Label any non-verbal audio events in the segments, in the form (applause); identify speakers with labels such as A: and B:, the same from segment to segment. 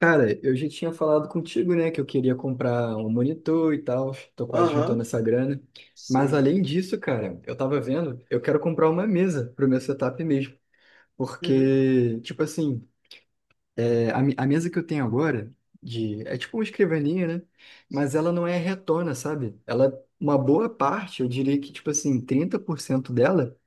A: Cara, eu já tinha falado contigo, né, que eu queria comprar um monitor e tal, tô quase juntando
B: Aham,
A: essa grana. Mas
B: sim.
A: além disso, cara, eu tava vendo, eu quero comprar uma mesa pro meu setup mesmo.
B: Uhum.
A: Porque, tipo assim, a mesa que eu tenho agora, é tipo uma escrivaninha, né? Mas ela não é retona, sabe? Ela, uma boa parte, eu diria que, tipo assim, 30% dela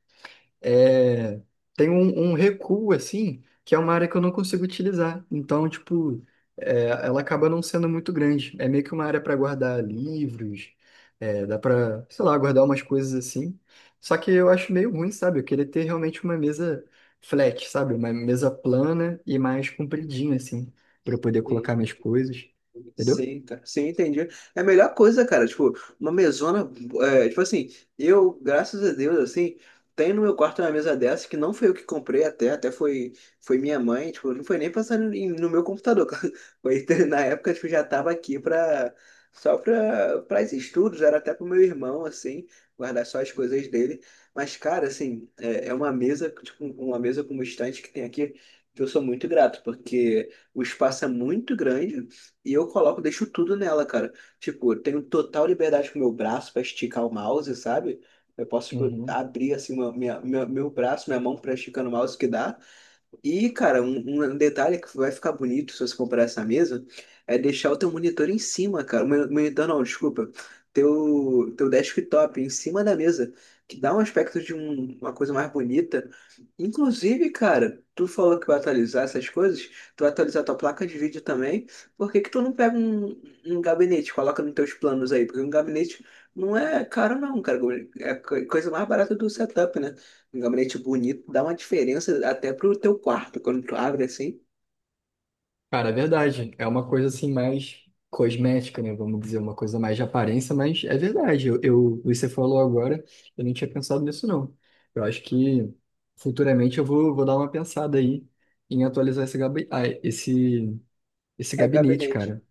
A: é, tem um recuo, assim, que é uma área que eu não consigo utilizar. Então, tipo, ela acaba não sendo muito grande. É meio que uma área para guardar livros, dá para, sei lá, guardar umas coisas assim. Só que eu acho meio ruim, sabe? Eu queria ter realmente uma mesa flat, sabe? Uma mesa plana e mais compridinha, assim, para eu poder colocar minhas coisas, entendeu?
B: Sim, cara. Sim, entendi. É a melhor coisa, cara. Tipo, uma mesona. Tipo assim, eu, graças a Deus, assim, tenho no meu quarto uma mesa dessa que não foi eu que comprei até foi minha mãe. Tipo, não foi nem pensando no meu computador. (laughs) Foi, na época, tipo, já tava aqui só pra esses estudos, era até pro meu irmão, assim, guardar só as coisas dele. Mas, cara, assim, é uma mesa, tipo, uma mesa como estante que tem aqui, que eu sou muito grato, porque o espaço é muito grande. E eu coloco, deixo tudo nela, cara. Tipo, eu tenho total liberdade com o meu braço pra esticar o mouse, sabe? Eu posso, tipo,
A: Uhum.
B: abrir assim meu braço, minha mão pra esticar no mouse que dá. E, cara, um detalhe que vai ficar bonito se você comprar essa mesa é deixar o teu monitor em cima, cara. Monitor não, desculpa. Teu desktop em cima da mesa, que dá um aspecto de uma coisa mais bonita. Inclusive, cara, tu falou que vai atualizar essas coisas, tu vai atualizar tua placa de vídeo também. Por que que tu não pega um gabinete, coloca nos teus planos aí? Porque um gabinete não é caro não, cara. É a coisa mais barata do setup, né? Um gabinete bonito dá uma diferença até pro teu quarto, quando tu abre assim.
A: Cara, é verdade. É uma coisa assim mais cosmética, né? Vamos dizer, uma coisa mais de aparência, mas é verdade. Você falou agora, eu não tinha pensado nisso, não. Eu acho que futuramente vou dar uma pensada aí em atualizar esse
B: É
A: gabinete,
B: gabinete.
A: cara.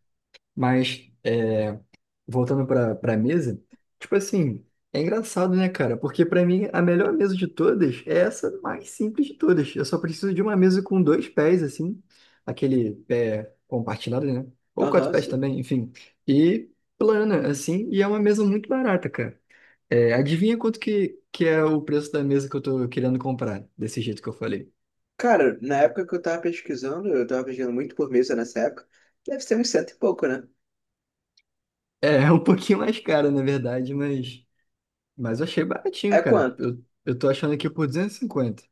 A: Mas. é, Voltando para mesa, tipo assim, é engraçado, né, cara? Porque para mim a melhor mesa de todas é essa mais simples de todas. Eu só preciso de uma mesa com dois pés assim, aquele pé compartilhado, né? Ou quatro
B: Aham,
A: pés
B: sim.
A: também, enfim. E plana assim, e é uma mesa muito barata, cara. É, adivinha que é o preço da mesa que eu tô querendo comprar, desse jeito que eu falei.
B: Cara, na época que eu tava pesquisando muito por mesa nessa época, deve ser uns cento e pouco, né?
A: É, (laughs) é um pouquinho mais caro, na verdade, mas eu achei baratinho,
B: É
A: cara.
B: quanto?
A: Eu tô achando aqui por 250.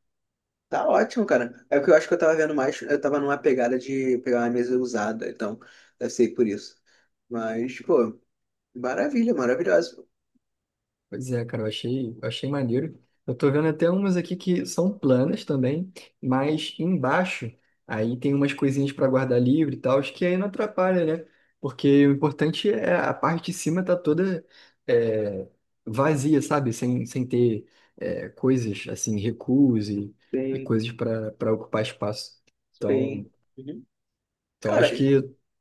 B: Tá ótimo, cara. É porque eu acho que eu tava vendo mais, eu tava numa pegada de pegar uma mesa usada, então deve ser por isso. Mas, pô, maravilha, maravilhoso.
A: Pois é, cara, eu achei maneiro. Eu tô vendo até umas aqui que são planas também, mas embaixo aí tem umas coisinhas para guardar livre e tal, acho que aí não atrapalha, né? Porque o importante é a parte de cima tá toda é, vazia, sabe? Sem ter coisas assim, recuos e
B: Tem,
A: coisas para ocupar espaço. Então,
B: tem. Uhum.
A: então
B: Cara,
A: acho que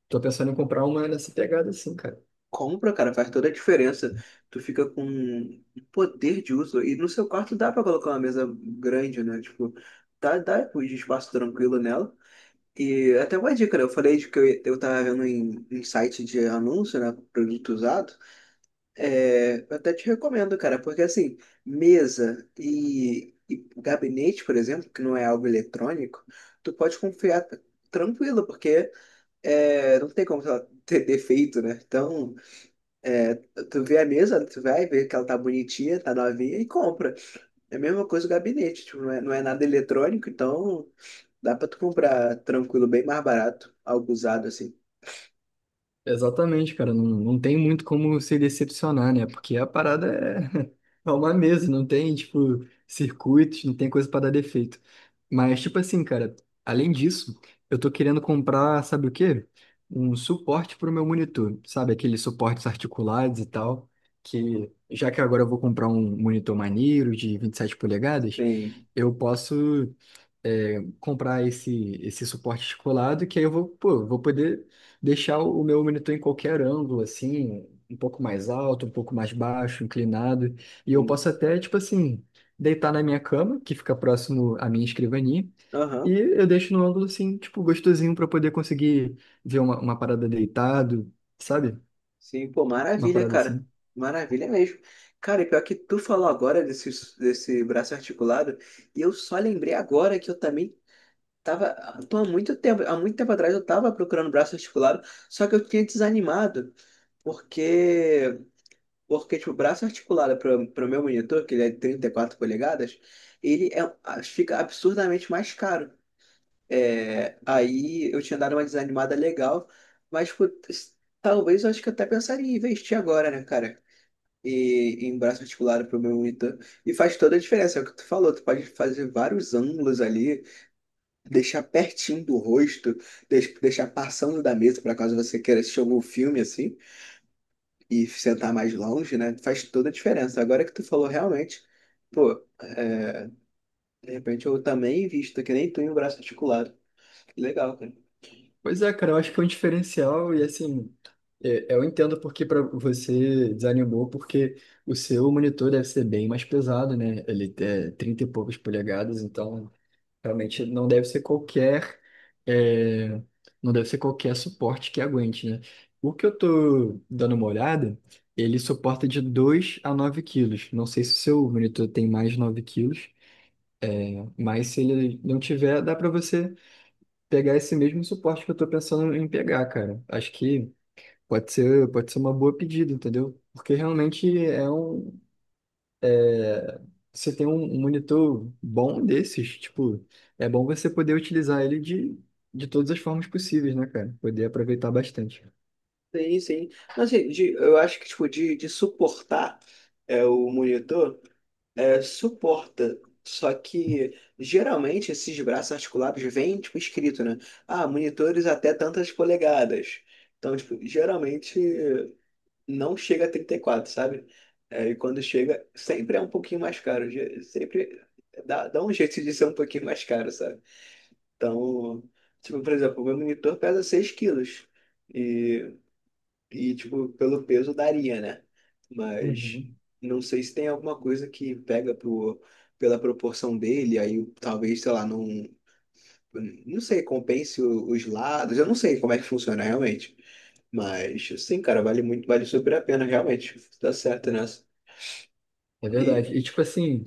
A: tô pensando em comprar uma nessa pegada assim, cara.
B: compra, cara, faz toda a diferença. Tu fica com um poder de uso. E no seu quarto dá pra colocar uma mesa grande, né? Tipo, dá um espaço tranquilo nela. E até uma dica, né? Eu falei de que eu tava vendo em site de anúncio, né? Produto usado. É, eu até te recomendo, cara, porque assim, mesa e gabinete, por exemplo, que não é algo eletrônico, tu pode confiar tranquilo, porque não tem como sei lá, ter defeito, né? Então. É, tu vê a mesa, tu vai ver que ela tá bonitinha, tá novinha e compra. É a mesma coisa o gabinete, tipo, não é nada eletrônico, então dá pra tu comprar tranquilo, bem mais barato, algo usado assim.
A: Exatamente, cara. Não tem muito como se decepcionar, né? Porque (laughs) é uma mesa, não tem, tipo, circuitos, não tem coisa pra dar defeito. Mas, tipo assim, cara, além disso, eu tô querendo comprar, sabe o quê? Um suporte pro meu monitor, sabe? Aqueles suportes articulados e tal. Que, já que agora eu vou comprar um monitor maneiro de 27 polegadas,
B: Tem,
A: eu posso comprar esse suporte descolado, que aí eu vou, pô, vou poder deixar o meu monitor em qualquer ângulo, assim, um pouco mais alto, um pouco mais baixo, inclinado, e eu
B: tem.
A: posso até, tipo assim, deitar na minha cama, que fica próximo à minha escrivaninha, e
B: Aham.
A: eu deixo no ângulo, assim, tipo, gostosinho para poder conseguir ver uma parada deitado, sabe?
B: Sim, pô,
A: Uma
B: maravilha,
A: parada
B: cara.
A: assim.
B: Maravilha mesmo. Cara, e pior que tu falou agora desse braço articulado, e eu só lembrei agora que eu também tava, tô há muito tempo atrás eu tava procurando braço articulado, só que eu tinha desanimado, porque Porque, tipo, o braço articulado para o meu monitor, que ele é de 34 polegadas, ele é, fica absurdamente mais caro. É, aí eu tinha dado uma desanimada legal, mas pô, talvez eu acho que eu até pensaria em investir agora, né, cara? E em braço articulado para o meu monitor. E faz toda a diferença, é o que tu falou, tu pode fazer vários ângulos ali, deixar pertinho do rosto, deixar passando da mesa para caso você queira assistir algum filme assim e sentar mais longe, né? Faz toda a diferença. Agora que tu falou realmente, pô, é, de repente eu também invisto, que nem tu em um braço articulado. Que legal, cara.
A: Pois é, cara, eu acho que é um diferencial e assim, eu entendo porque para você desanimou, porque o seu monitor deve ser bem mais pesado, né? Ele é 30 e poucas polegadas, então realmente não deve ser qualquer, é, não deve ser qualquer suporte que aguente, né? O que eu tô dando uma olhada, ele suporta de 2 a 9 quilos. Não sei se o seu monitor tem mais de 9 quilos, mas se ele não tiver, dá para você pegar esse mesmo suporte que eu tô pensando em pegar, cara. Acho que pode ser uma boa pedida, entendeu? Porque realmente é, você tem um monitor bom desses, tipo, é bom você poder utilizar ele de todas as formas possíveis, né, cara? Poder aproveitar bastante.
B: Sim, sim. Mas, assim, eu acho que tipo, de suportar o monitor, suporta. Só que geralmente esses braços articulados vêm tipo, escrito, né? Ah, monitores até tantas polegadas. Então, tipo, geralmente. Não chega a 34, sabe? É, e quando chega, sempre é um pouquinho mais caro. Sempre dá um jeito de ser um pouquinho mais caro, sabe? Então, tipo, por exemplo, o meu monitor pesa 6 quilos. E, e, tipo, pelo peso daria, né? Mas
A: Uhum.
B: não sei se tem alguma coisa que pega pro, pela proporção dele, aí talvez, sei lá, não. Não sei, compense os lados. Eu não sei como é que funciona realmente. Mas, sim, cara, vale muito, vale super a pena, realmente. Tá certo nessa.
A: É
B: E,
A: verdade. E tipo assim,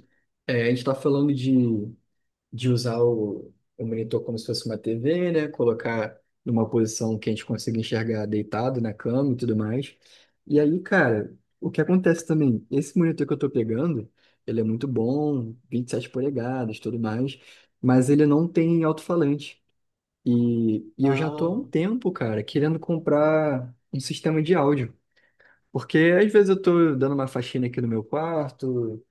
A: é, a gente tá falando de usar o monitor como se fosse uma TV, né? Colocar numa posição que a gente consiga enxergar deitado na cama e tudo mais. E aí, cara, o que acontece também? Esse monitor que eu tô pegando, ele é muito bom, 27 polegadas, tudo mais, mas ele não tem alto-falante. E eu já tô
B: ah,
A: há um tempo, cara, querendo comprar um sistema de áudio. Porque às vezes eu tô dando uma faxina aqui no meu quarto,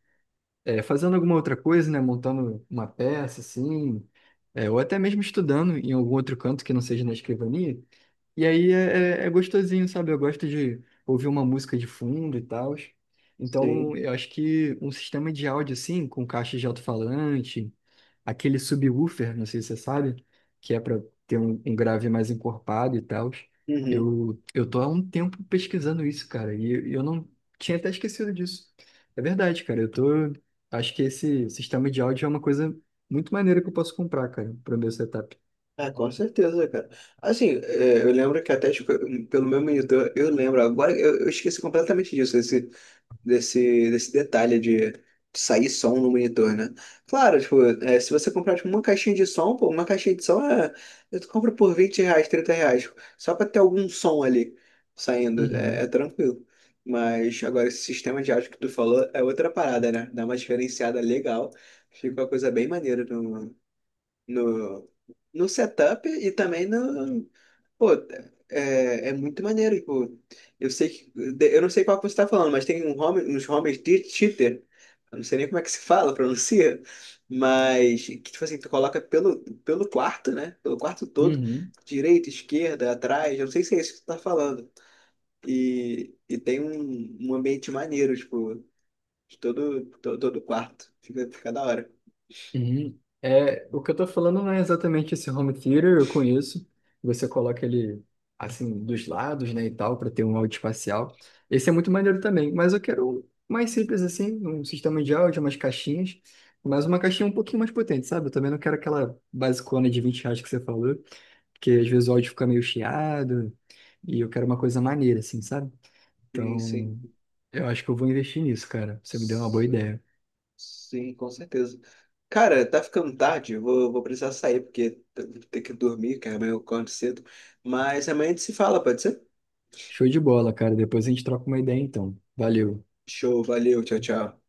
A: fazendo alguma outra coisa, né? Montando uma peça, assim, ou até mesmo estudando em algum outro canto que não seja na escrivania. E aí é gostosinho, sabe? Eu gosto de ouvir uma música de fundo e tal. Então,
B: sim.
A: eu acho que um sistema de áudio assim, com caixa de alto-falante, aquele subwoofer, não sei se você sabe, que é para ter um grave mais encorpado e tal.
B: Uhum.
A: Eu tô há um tempo pesquisando isso, cara, e eu não tinha até esquecido disso. É verdade, cara, eu tô. Acho que esse sistema de áudio é uma coisa muito maneira que eu posso comprar, cara, para o meu setup.
B: É, com certeza, cara. Assim, eu lembro que até, tipo, pelo meu monitor, eu lembro, agora eu esqueci completamente disso, desse detalhe de sair som no monitor, né? Claro, tipo, se você comprar tipo, uma caixinha de som, pô, uma caixinha de som eu compro por R$ 20, R$ 30, tipo, só pra ter algum som ali saindo, é, é
A: Uhum,
B: tranquilo. Mas agora esse sistema de áudio que tu falou é outra parada, né? Dá uma diferenciada legal, fica uma coisa bem maneira no, no setup e também no, pô, é muito maneiro, tipo, eu sei que, eu não sei qual que você tá falando, mas tem uns homens de cheater, eu não sei nem como é que se fala, pronuncia, mas que, tipo assim, tu coloca pelo quarto, né, pelo quarto todo,
A: uhum.
B: direita, esquerda, atrás, eu não sei se é isso que tu tá falando, e, tem um ambiente maneiro, tipo, de todo, todo, todo quarto, fica da hora.
A: Uhum. É, o que eu tô falando não é exatamente esse home theater, eu conheço. Você coloca ele assim dos lados, né, e tal, para ter um áudio espacial. Esse é muito maneiro também, mas eu quero um mais simples assim, um sistema de áudio, umas caixinhas, mas uma caixinha um pouquinho mais potente, sabe? Eu também não quero aquela basicona de 20 reais que você falou, porque às vezes o áudio fica meio chiado, e eu quero uma coisa maneira, assim, sabe?
B: Sim,
A: Então, eu acho que eu vou investir nisso, cara. Você me deu uma boa
B: sim.
A: ideia.
B: Sim, com certeza. Cara, tá ficando tarde, eu vou precisar sair, porque eu vou ter que dormir, que amanhã eu acordo cedo. Mas amanhã a gente se fala, pode ser?
A: Show de bola, cara. Depois a gente troca uma ideia, então. Valeu.
B: Show, valeu, tchau, tchau.